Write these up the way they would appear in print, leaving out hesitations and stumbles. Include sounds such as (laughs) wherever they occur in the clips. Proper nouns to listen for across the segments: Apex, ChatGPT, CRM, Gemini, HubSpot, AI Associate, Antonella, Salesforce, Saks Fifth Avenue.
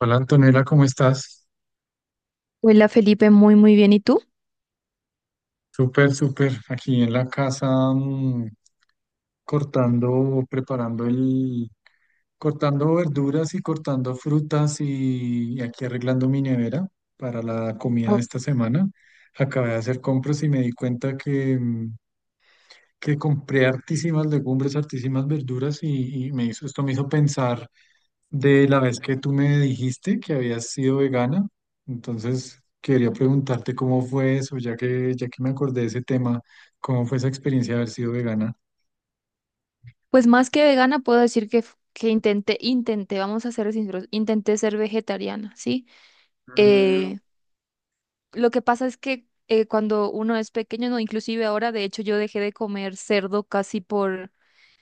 Hola Antonella, ¿cómo estás? Hola Felipe, muy muy bien. ¿Y tú? Súper, súper. Aquí en la casa mm, cortando, cortando verduras y cortando frutas y aquí arreglando mi nevera para la comida de Oh. esta semana. Acabé de hacer compras y me di cuenta que compré hartísimas legumbres, hartísimas verduras y esto me hizo pensar de la vez que tú me dijiste que habías sido vegana. Entonces quería preguntarte cómo fue eso, ya que me acordé de ese tema, cómo fue esa experiencia de haber sido vegana. Pues más que vegana puedo decir que, intenté, vamos a ser sinceros, intenté ser vegetariana, ¿sí? Mm, Eh, Lo que pasa es que cuando uno es pequeño, no, inclusive ahora, de hecho, yo dejé de comer cerdo casi por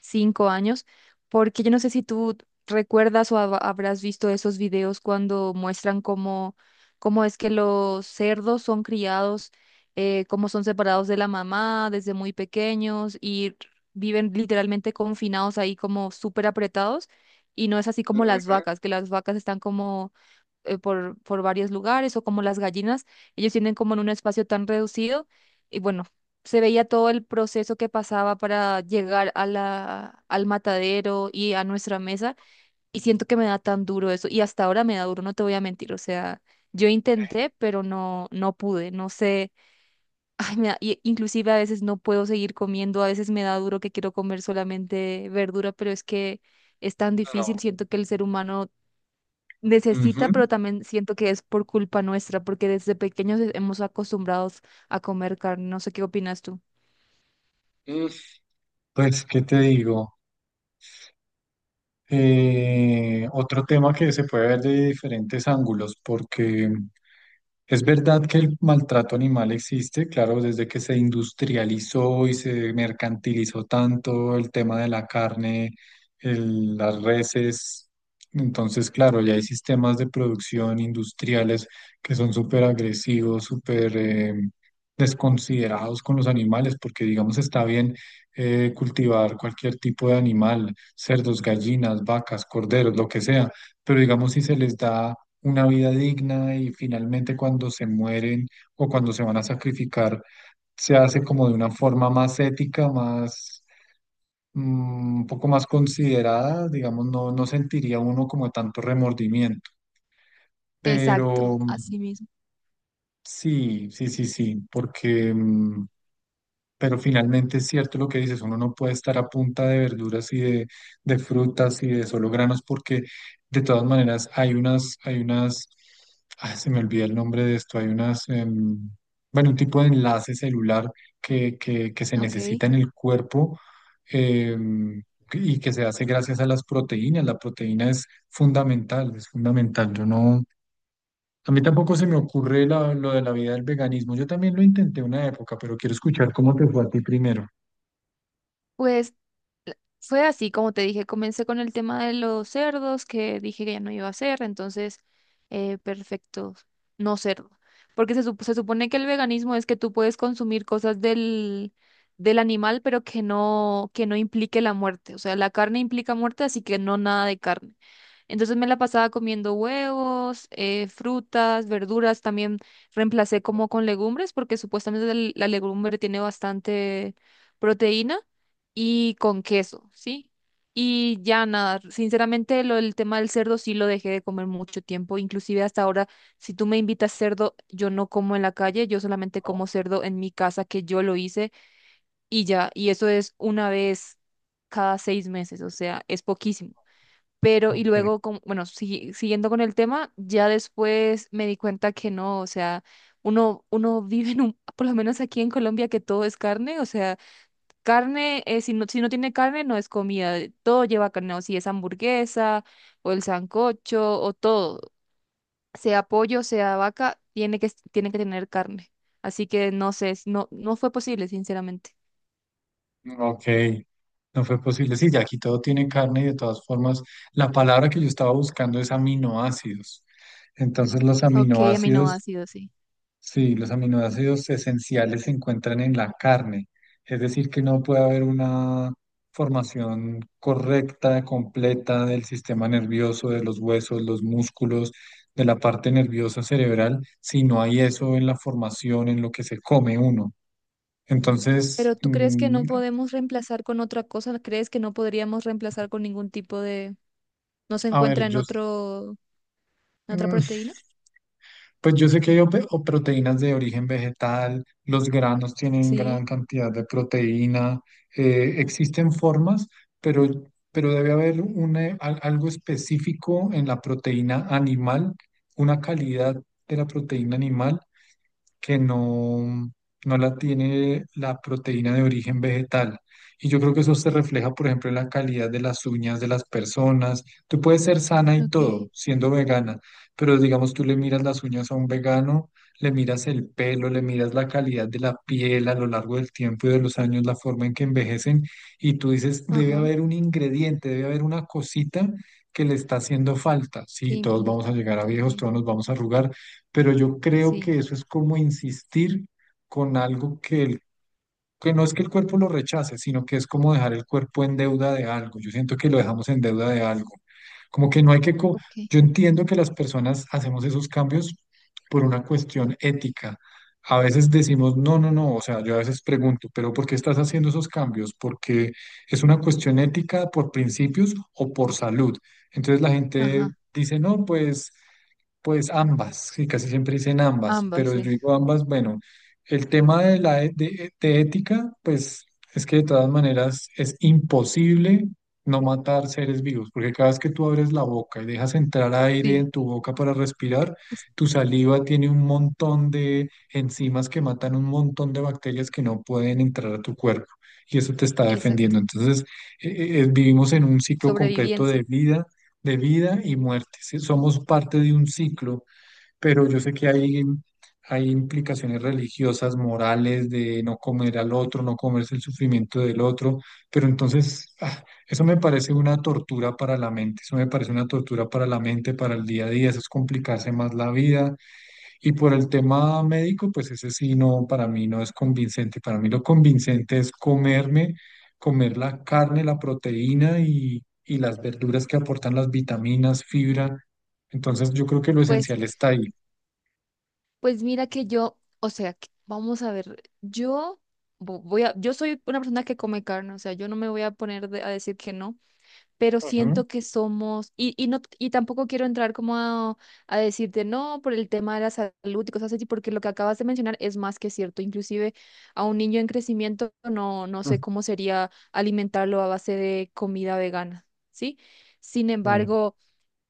5 años, porque yo no sé si tú recuerdas o habrás visto esos videos cuando muestran cómo, cómo es que los cerdos son criados, cómo son separados de la mamá desde muy pequeños y viven literalmente confinados ahí como súper apretados. Y no es así como las vacas, que las vacas están como por varios lugares o como las gallinas, ellos tienen como en un espacio tan reducido y bueno, se veía todo el proceso que pasaba para llegar a la, al matadero y a nuestra mesa, y siento que me da tan duro eso y hasta ahora me da duro, no te voy a mentir, o sea, yo intenté, pero no, no pude, no sé, (laughs) ay, inclusive a veces no puedo seguir comiendo, a veces me da duro que quiero comer solamente verdura, pero es que... Es tan difícil, no. siento que el ser humano necesita, Ujú. pero también siento que es por culpa nuestra, porque desde pequeños hemos acostumbrados a comer carne. No sé qué opinas tú. Mm, Pues, ¿qué te digo? Otro tema que se puede ver de diferentes ángulos, porque es verdad que el maltrato animal existe. Claro, desde que se industrializó y se mercantilizó tanto el tema de la carne, las reses. Entonces, claro, ya hay sistemas de producción industriales que son súper agresivos, súper desconsiderados con los animales, porque digamos está bien cultivar cualquier tipo de animal: cerdos, gallinas, vacas, corderos, lo que sea. Pero digamos, si se les da una vida digna y finalmente cuando se mueren o cuando se van a sacrificar, se hace como de una forma más ética, más, un poco más considerada, digamos, no, no sentiría uno como tanto remordimiento. Exacto, Pero así mismo. sí, sí, sí, sí, porque pero finalmente es cierto lo que dices. Uno no puede estar a punta de verduras y de frutas y de solo granos, porque de todas maneras hay unas, ah, se me olvida el nombre de esto. Hay unas, bueno, un tipo de enlace celular que se Ok. necesita en el cuerpo, em, y que se hace gracias a las proteínas. La proteína es fundamental, es fundamental. Yo no, a mí tampoco se me ocurre lo de la vida del veganismo. Yo también lo intenté una época, pero quiero escuchar cómo te fue a ti primero. Pues fue así, como te dije, comencé con el tema de los cerdos, que dije que ya no iba a hacer, entonces, perfecto, no cerdo. Porque se supone que el veganismo es que tú puedes consumir cosas del, del animal, pero que no implique la muerte. O sea, la carne implica muerte, así que no, nada de carne. Entonces me la pasaba comiendo huevos, frutas, verduras, también reemplacé como con legumbres, porque supuestamente la legumbre tiene bastante proteína y con queso, ¿sí? Y ya nada, sinceramente lo del tema del cerdo sí lo dejé de comer mucho tiempo, inclusive hasta ahora, si tú me invitas cerdo, yo no como en la calle, yo solamente como cerdo en mi casa que yo lo hice y ya, y eso es una vez cada 6 meses, o sea, es poquísimo. Pero y Ok, luego, bueno, siguiendo con el tema, ya después me di cuenta que no, o sea, uno vive en un, (laughs) por lo menos aquí en Colombia, que todo es carne, o sea... Carne, si no, si no tiene carne, no es comida. Todo lleva carne, o si es hamburguesa, o el sancocho, o todo. Sea pollo, sea vaca, tiene que tener carne. Así que no sé, no, no fue posible, sinceramente. ok. No fue posible. Sí, ya aquí todo tiene carne y de todas formas, la palabra que yo estaba buscando es aminoácidos. Entonces, los Ok, a mí no ha aminoácidos. sido así. Sí, los aminoácidos esenciales se encuentran en la carne, es decir, que no puede haber una formación correcta, completa del sistema nervioso, de los huesos, los músculos, de la parte nerviosa cerebral, si no hay eso en la formación, en lo que se come uno. Pero Entonces, ¿tú crees que no podemos reemplazar con otra cosa? ¿Crees que no podríamos reemplazar con ningún tipo de... no se a ver, encuentra en yo, otro, en otra mm, proteína? pues yo sé que hay o proteínas de origen vegetal. Los granos tienen Sí, gran cantidad de proteína. Existen formas, pero, pero debe haber un, algo específico en la proteína animal, una calidad de la proteína animal que no, no la tiene la proteína de origen vegetal. Y yo creo que eso se refleja, por ejemplo, en la calidad de las uñas de las personas. Tú puedes ser sana y ok. todo siendo vegana, pero digamos, tú le miras las uñas a un vegano, le miras el pelo, le miras la calidad de la piel a lo largo del tiempo y de los años, la forma en que envejecen, y tú dices, debe Ajá. haber un ingrediente, debe haber una cosita que le está haciendo falta. ¿Qué Sí, todos vamos a implica? llegar a viejos, Ok. todos nos vamos a arrugar, pero yo creo Sí, que eso es como insistir con algo que, que no es que el cuerpo lo rechace, sino que es como dejar el cuerpo en deuda de algo. Yo siento que lo dejamos en deuda de algo. Como que no hay que... ok. Yo entiendo que las personas hacemos esos cambios por una cuestión ética. A veces decimos, no, no, no, o sea, yo a veces pregunto, pero ¿por qué estás haciendo esos cambios? ¿Porque es una cuestión ética, por principios, o por salud? Entonces la gente Ajá. dice, no, pues... Pues ambas, sí, casi siempre dicen ambas, Ambas, pero sí. yo digo ambas, bueno, el tema de la e- de ética, pues es que de todas maneras es imposible no matar seres vivos, porque cada vez que tú abres la boca y dejas entrar aire Sí, en tu boca para respirar, es- tu saliva tiene un montón de enzimas que matan un montón de bacterias que no pueden entrar a tu cuerpo, y eso te está exacto. defendiendo. Entonces, vivimos en un ciclo completo Sobrevivencia. de vida y muerte. ¿Sí? Somos parte de un ciclo, pero yo sé que hay implicaciones religiosas, morales, de no comer al otro, no comerse el sufrimiento del otro. Pero entonces eso me parece una tortura para la mente, eso me parece una tortura para la mente, para el día a día. Eso es complicarse más la vida. Y por el tema médico, pues ese sí no, para mí no es convincente. Para mí lo convincente es comer la carne, la proteína y las verduras que aportan las vitaminas, fibra. Entonces yo creo que lo Pues, esencial está ahí. pues mira que yo, o sea, vamos a ver, yo voy a, yo soy una persona que come carne, o sea, yo no me voy a poner a decir que no, pero Ujú. siento que somos, y no, y tampoco quiero entrar como a decirte no por el tema de la salud y cosas así, porque lo que acabas de mencionar es más que cierto. Inclusive a un niño en crecimiento no, no sé cómo sería alimentarlo a base de comida vegana, ¿sí? Sin Ujú. embargo,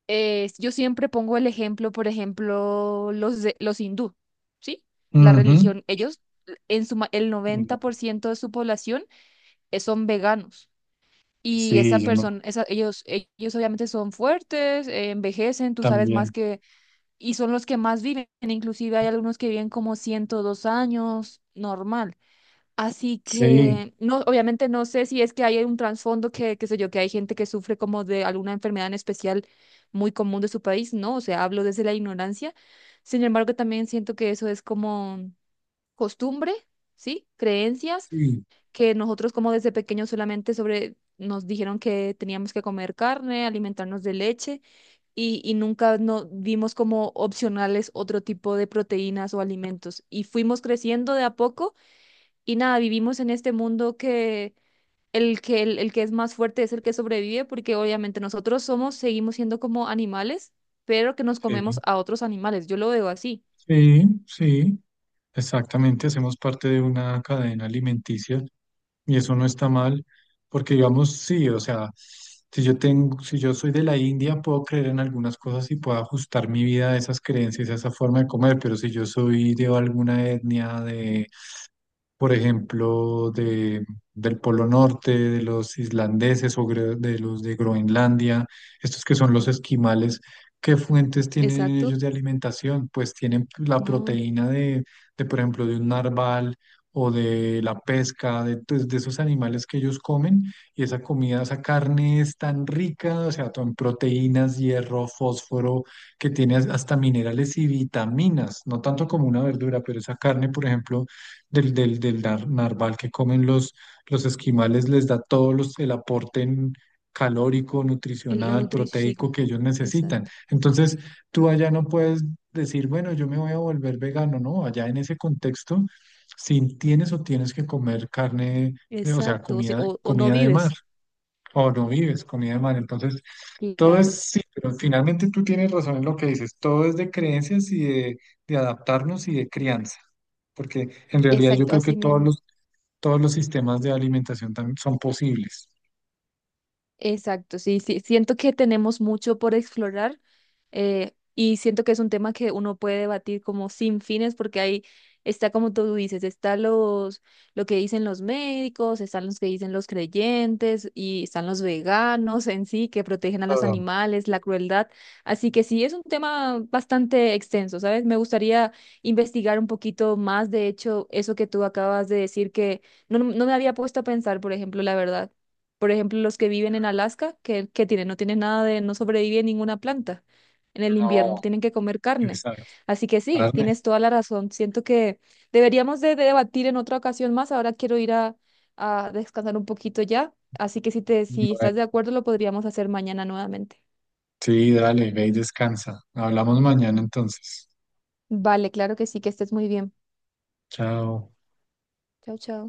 yo siempre pongo el ejemplo, por ejemplo, los, los hindú, ¿sí? La Ujú. religión, ellos, en su, el Bueno, 90% de su población son veganos. Y sí, esa yo no, persona, esa, ellos obviamente son fuertes, envejecen, tú sabes más también. que, y son los que más viven. Inclusive hay algunos que viven como 102 años, normal. Así Sí, que, no, obviamente no sé si es que hay un trasfondo que, qué sé yo, que hay gente que sufre como de alguna enfermedad en especial muy común de su país, ¿no? O sea, hablo desde la ignorancia. Sin embargo, también siento que eso es como costumbre, ¿sí? Creencias sí, que nosotros como desde pequeños solamente sobre nos dijeron que teníamos que comer carne, alimentarnos de leche y nunca no vimos como opcionales otro tipo de proteínas o alimentos. Y fuimos creciendo de a poco y nada, vivimos en este mundo que, el que es más fuerte es el que sobrevive, porque obviamente nosotros somos, seguimos siendo como animales, pero que nos comemos sí, a otros animales. Yo lo veo así. sí, sí. Exactamente, hacemos parte de una cadena alimenticia. Y eso no está mal, porque digamos, sí, o sea, si yo soy de la India, puedo creer en algunas cosas y puedo ajustar mi vida a esas creencias, a esa forma de comer. Pero si yo soy de alguna etnia, por ejemplo, de, del Polo Norte, de los islandeses, o de los de Groenlandia, estos que son los esquimales, ¿qué fuentes tienen Exacto, ellos de alimentación? Pues tienen la no, proteína de, por ejemplo, de un narval o de la pesca, de, pues, de esos animales que ellos comen. Y esa comida, esa carne, es tan rica, o sea, en proteínas, hierro, fósforo, que tiene hasta minerales y vitaminas, no tanto como una verdura, pero esa carne, por ejemplo, del narval que comen los esquimales, les da todo el aporte calórico, la nutricional, nutrición, sí, proteico que ellos necesitan. exacto. Entonces, tú allá no puedes decir, bueno, yo me voy a volver vegano. No, allá en ese contexto, si tienes, o tienes que comer carne, o sea, Exacto. O, comida, o no comida de mar, vives. o no vives comida de mar. Entonces, todo Claro, es, sí, pero finalmente tú tienes razón en lo que dices. Todo es de creencias y de adaptarnos y de crianza. Porque en realidad yo exacto, creo que así mismo. Todos los sistemas de alimentación también son posibles. Exacto, sí, sí, siento que tenemos mucho por explorar y siento que es un tema que uno puede debatir como sin fines, porque ahí está como tú dices, está los, lo que dicen los médicos, están los que dicen los creyentes y están los veganos en sí que protegen a los Ah, animales, la crueldad. Así que sí, es un tema bastante extenso, ¿sabes? Me gustaría investigar un poquito más, de hecho, eso que tú acabas de decir que no, no me había puesto a pensar, por ejemplo, la verdad. Por ejemplo, los que viven en Alaska, que tienen, no tienen nada de, no sobrevive ninguna planta en el invierno, no, tienen que comer carne. esa Así que sí, carne. tienes toda la razón. Siento que deberíamos de debatir en otra ocasión más. Ahora quiero ir a descansar un poquito ya. Así que si te, si estás Bueno, de acuerdo, lo podríamos hacer mañana nuevamente. sí, dale, ve y descansa. Hablamos mañana entonces. Vale, claro que sí, que estés muy bien. Chao. Chao, chao.